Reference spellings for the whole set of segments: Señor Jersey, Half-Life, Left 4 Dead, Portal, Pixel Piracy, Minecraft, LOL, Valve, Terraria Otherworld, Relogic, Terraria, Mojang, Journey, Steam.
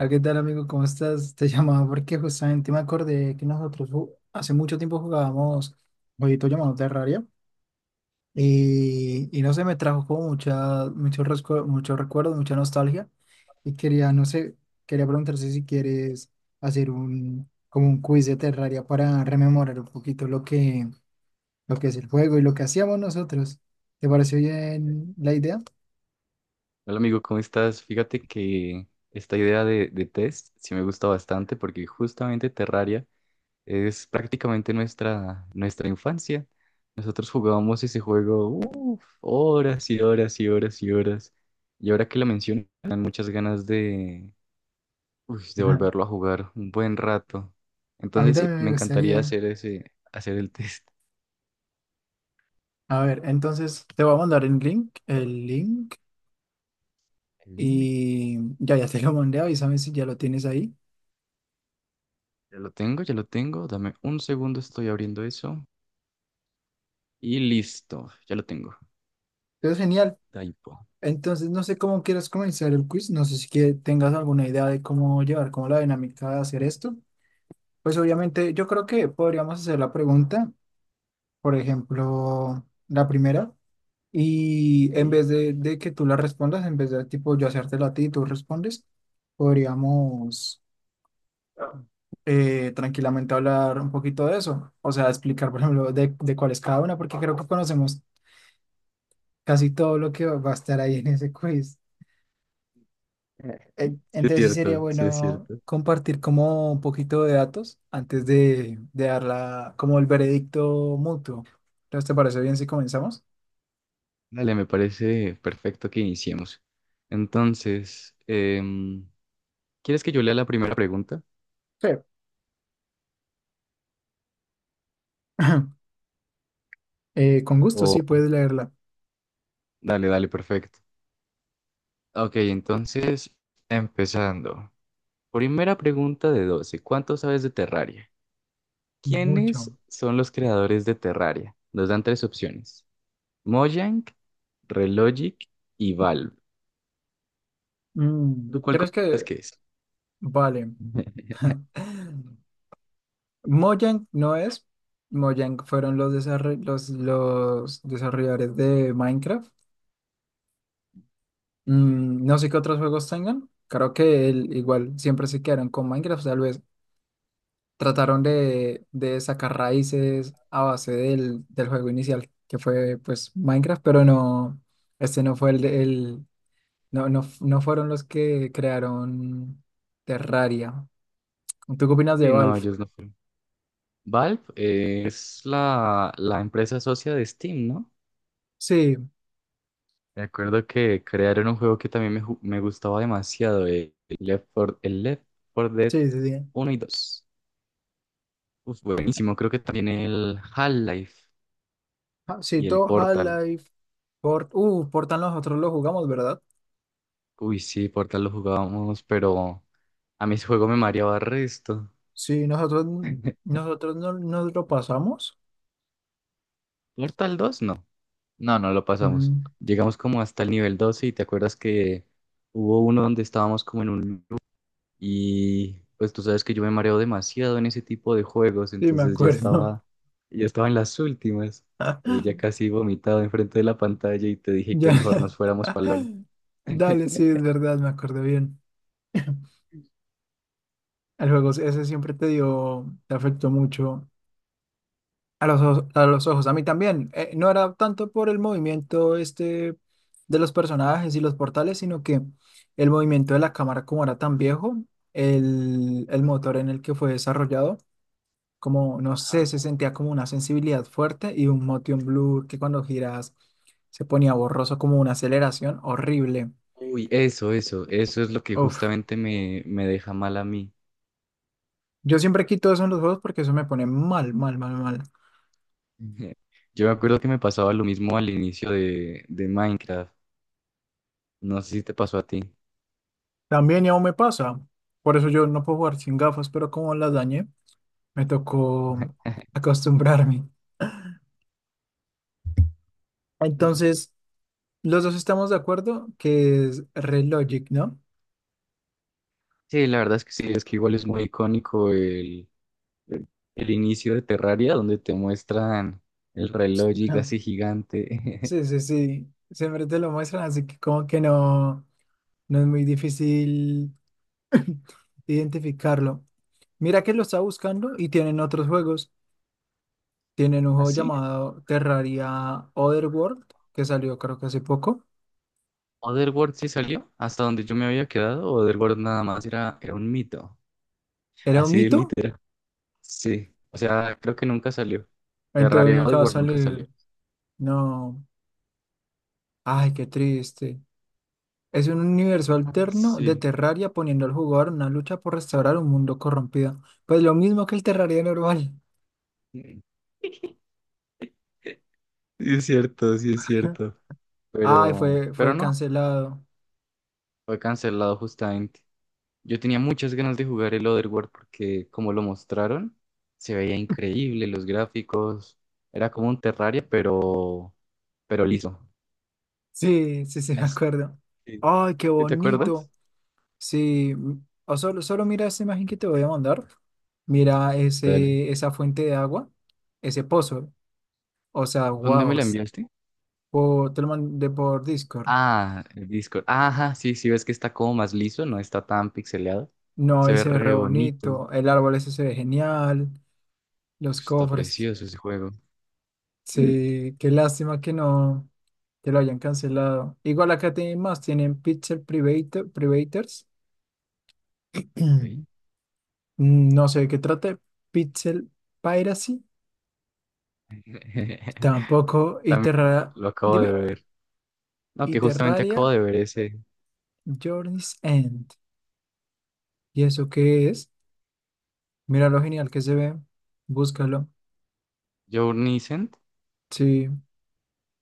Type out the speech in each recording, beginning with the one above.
Ah, ¿Qué tal, amigo? ¿Cómo estás? Te llamaba porque justamente me acordé que nosotros hace mucho tiempo jugábamos un jueguito llamado Terraria y no sé, me trajo como mucha, mucho recuerdo, mucha nostalgia y quería, no sé, quería preguntarte si quieres hacer un, como un quiz de Terraria para rememorar un poquito lo que es el juego y lo que hacíamos nosotros. ¿Te pareció bien la idea? Hola amigo, ¿cómo estás? Fíjate que esta idea de test sí me gusta bastante porque justamente Terraria es prácticamente nuestra infancia. Nosotros jugábamos ese juego uf, horas y horas y horas y horas. Y ahora que lo mencionan, muchas ganas de, uy, de Ajá. volverlo a jugar un buen rato. A mí Entonces sí, también me me encantaría gustaría. Hacer el test. A ver, entonces te voy a mandar el link El INE. y ya, ya te lo mandé, avísame si ya lo tienes ahí. Ya lo tengo, ya lo tengo. Dame un segundo, estoy abriendo eso. Y listo, ya lo tengo. Pero genial. Daipo. Entonces, no sé cómo quieras comenzar el quiz, no sé si que tengas alguna idea de cómo llevar, como la dinámica de hacer esto. Pues obviamente yo creo que podríamos hacer la pregunta, por ejemplo, la primera, y en Ok. vez de que tú la respondas, en vez de tipo yo hacértela a ti y tú respondes, podríamos Ah. Tranquilamente hablar un poquito de eso. O sea, explicar, por ejemplo, de cuál es cada una, porque creo que conocemos casi todo lo que va a estar ahí en ese quiz. Sí es Entonces sí sería cierto, sí es bueno cierto. compartir como un poquito de datos antes de dar la, como el veredicto mutuo. Entonces, ¿te parece bien si comenzamos? Dale, me parece perfecto que iniciemos. Entonces, ¿quieres que yo lea la primera pregunta? Sí. Con gusto, O sí, puedes leerla. dale, dale, perfecto. Ok, entonces, empezando. Primera pregunta de 12. ¿Cuánto sabes de Terraria? Mucho. ¿Quiénes son los creadores de Terraria? Nos dan tres opciones. Mojang, Relogic y Valve. Mm, ¿Tú cuál ¿crees crees que...? que es? Vale. Mojang no es. Mojang fueron los desarrolladores de Minecraft. Mm, no sé qué otros juegos tengan. Creo que igual siempre se quedaron con Minecraft. Tal vez trataron de sacar raíces a base del, del juego inicial, que fue pues Minecraft, pero no, este no fue el, no, no fueron los que crearon Terraria. ¿Tú qué opinas de Sí, no, Valve? ellos no. Valve es la empresa socia de Steam, ¿no? Sí, Me acuerdo que crearon un juego que también me gustaba demasiado, el Left 4 Dead sí, sí, sí. uno y dos. Uf, buenísimo, creo que también el Half-Life Ah, sí, y el todo Portal. Half-Life, Portal nosotros lo jugamos, ¿verdad? Uy, sí, Portal lo jugábamos, pero a mí ese juego me mareaba resto. Sí, nosotros, nosotros no, nos lo pasamos. Portal dos no. No, no lo pasamos. Mm, Llegamos como hasta el nivel 12 y te acuerdas que hubo uno donde estábamos como en un. Y pues tú sabes que yo me mareo demasiado en ese tipo de juegos, sí, me entonces ya acuerdo. estaba, ya estaba en las últimas. Ahí ya casi vomitado enfrente de la pantalla y te dije que Ya. mejor nos fuéramos para LOL. Dale, sí, es verdad, me acuerdo bien. El juego ese siempre te dio, te afectó mucho. A a los ojos, a mí también. No era tanto por el movimiento este de los personajes y los portales, sino que el movimiento de la cámara, como era tan viejo, el motor en el que fue desarrollado, como no sé, se Ah. sentía como una sensibilidad fuerte y un motion blur que cuando giras se ponía borroso, como una aceleración horrible. Uy, eso es lo que Uf, justamente me deja mal a mí. yo siempre quito eso en los juegos porque eso me pone mal, mal, mal, mal. Ujú. Yo me acuerdo que me pasaba lo mismo al inicio de Minecraft. No sé si te pasó a ti. También ya aún me pasa, por eso yo no puedo jugar sin gafas, pero como las dañé, me tocó acostumbrarme. Ujú. Entonces, los dos estamos de acuerdo que es Relogic, ¿no? Sí, la verdad es que sí, es que igual es muy icónico el inicio de Terraria, donde te muestran el reloj Ah, así gigante. sí, sí, sí. Siempre te lo muestran, así que como que no, no es muy difícil identificarlo. Mira que lo está buscando y tienen otros juegos. Tienen un juego ¿Así? llamado Terraria Otherworld, que salió creo que hace poco. ¿Otherworld sí salió? ¿Hasta donde yo me había quedado? ¿O Otherworld nada más era, un mito? Era un Así de mito, literal. Sí. O sea, creo que nunca salió. entonces Terraria nunca va a Otherworld nunca salió. salir. No, ay, qué triste. Es un universo Ah, alterno de sí. Terraria poniendo al jugador en una lucha por restaurar un mundo corrompido. Pues lo mismo que el Terraria normal. Mm. Sí, es cierto, sí es cierto. Ay, Pero, fue, pero fue no, cancelado. fue cancelado justamente. Yo tenía muchas ganas de jugar el Otherworld porque, como lo mostraron, se veía increíble, los gráficos. Era como un Terraria, pero liso. Sí, sí, sí, me Es- acuerdo. sí. Ay, qué ¿Sí te acuerdas? bonito. Sí, o solo, solo mira esa imagen que te voy a mandar. Mira Dale. ese, esa fuente de agua, ese pozo. O sea, ¿Dónde me wow. la enviaste? Te lo mandé por Discord. Ah, el Discord. Ajá, sí, sí, ves que está como más liso, no está tan pixeleado. No, Se ahí ve se ve re re bonito. bonito. El árbol ese se ve genial. Los Uf, está cofres. precioso ese juego. Mm. Sí, qué lástima que no, que lo hayan cancelado. Igual acá tienen más, tienen Pixel Private, Privators. Ok. No sé de qué trate. Pixel Piracy. Tampoco. También lo acabo de Dime. ver. No, Y que justamente acabo Terraria de ver ese Journey's End. ¿Y eso qué es? Mira lo genial que se ve. Búscalo. Journey. Sí.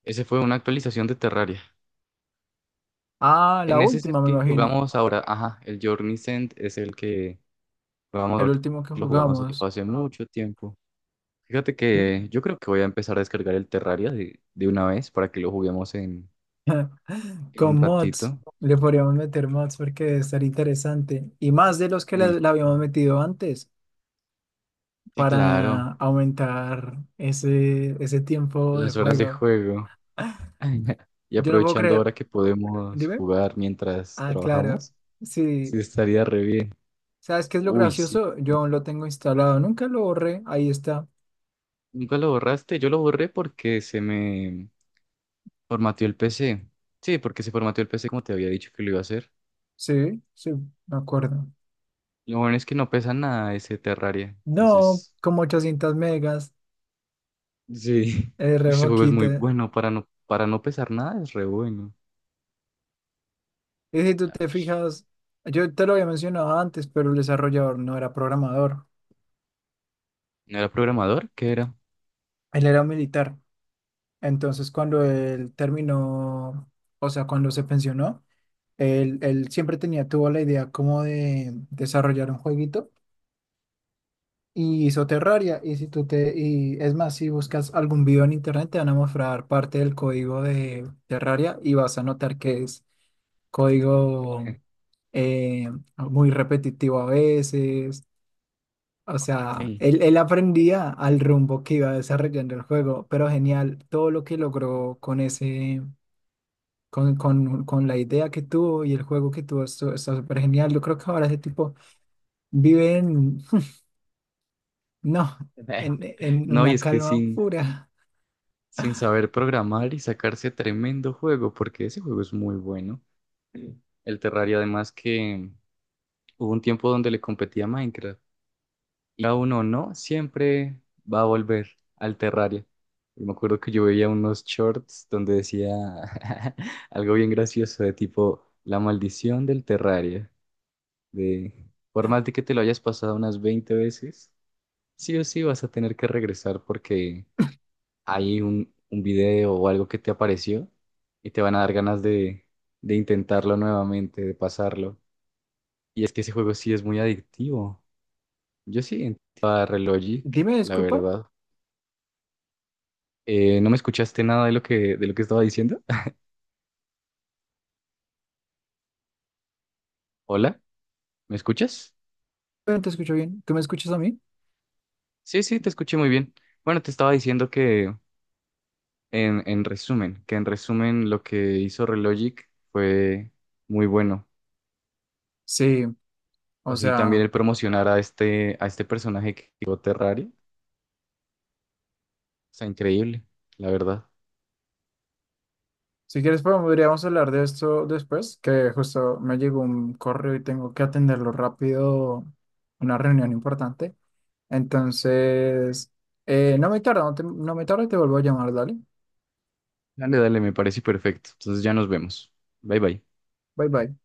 Ese fue una actualización de Terraria. Ah, En la ese es el última, me que imagino. jugamos ahora. Ajá, el Journey Send es el que jugamos El ahorita. último que Lo jugamos jugamos. hace mucho tiempo. Fíjate que yo creo que voy a empezar a descargar el Terraria de una vez para que lo juguemos en, en un Con mods, ratito. le podríamos meter mods porque debe estar interesante. Y más de los que Uy, le habíamos metido antes sí, claro. para aumentar ese, ese tiempo de Las horas de juego. juego. Y Yo no puedo aprovechando creer. ahora que podemos Dime. jugar mientras Ah, claro. trabajamos, sí Sí. estaría re bien. ¿Sabes qué es lo Uy, sí. gracioso? Yo aún lo tengo instalado. Nunca lo borré. Ahí está. ¿Nunca lo borraste? Yo lo borré porque se me formateó el PC. Sí, porque se formateó el PC como te había dicho que lo iba a hacer. Sí, sí, me acuerdo. Lo bueno es que no pesa nada ese Terraria. No, Entonces, como 800 megas. sí, Es re ese juego es muy poquita. bueno. Para no pesar nada es re bueno. Y si tú A te ver. fijas, yo te lo había mencionado antes, pero el desarrollador no era programador. ¿No era programador? ¿Qué era? Él era militar. Entonces, cuando él terminó, o sea, cuando se pensionó, él siempre tenía, tuvo la idea como de desarrollar un jueguito y hizo Terraria. Y si tú te, y es más, si buscas algún video en internet, te van a mostrar parte del código de Terraria y vas a notar que es código eh, muy repetitivo a veces. O sea, Ey. Él aprendía al rumbo que iba desarrollando el juego, pero genial todo lo que logró con ese, con la idea que tuvo y el juego que tuvo, está súper genial. Yo creo que ahora ese tipo vive en, no, en No, y una es que calma sin, pura. sin saber programar y sacarse tremendo juego, porque ese juego es muy bueno. El Terraria, además que hubo un tiempo donde le competía a Minecraft, y a uno no, siempre va a volver al Terraria. Y me acuerdo que yo veía unos shorts donde decía algo bien gracioso de tipo la maldición del Terraria, de por más de que te lo hayas pasado unas 20 veces, sí o sí vas a tener que regresar porque hay un, video o algo que te apareció y te van a dar ganas de intentarlo nuevamente, de pasarlo. Y es que ese juego sí es muy adictivo. Yo sí, entré a Relogic, Dime, la disculpa, verdad. ¿No me escuchaste nada de lo que, estaba diciendo? Hola, ¿me escuchas? pero no te escucho bien. ¿Tú me escuchas a mí? Sí, sí, te escuché muy bien. Bueno, te estaba diciendo que en resumen, que en resumen lo que hizo Relogic fue muy bueno. Sí, O o sí, también sea, el promocionar a a este personaje que creó Terraria. Está increíble, la verdad. si quieres podríamos hablar de esto después, que justo me llegó un correo y tengo que atenderlo rápido, una reunión importante. Entonces, no me tarda, no me tarda y te vuelvo a llamar, dale. Dale, dale, me parece perfecto. Entonces ya nos vemos. Bye, bye. Bye bye.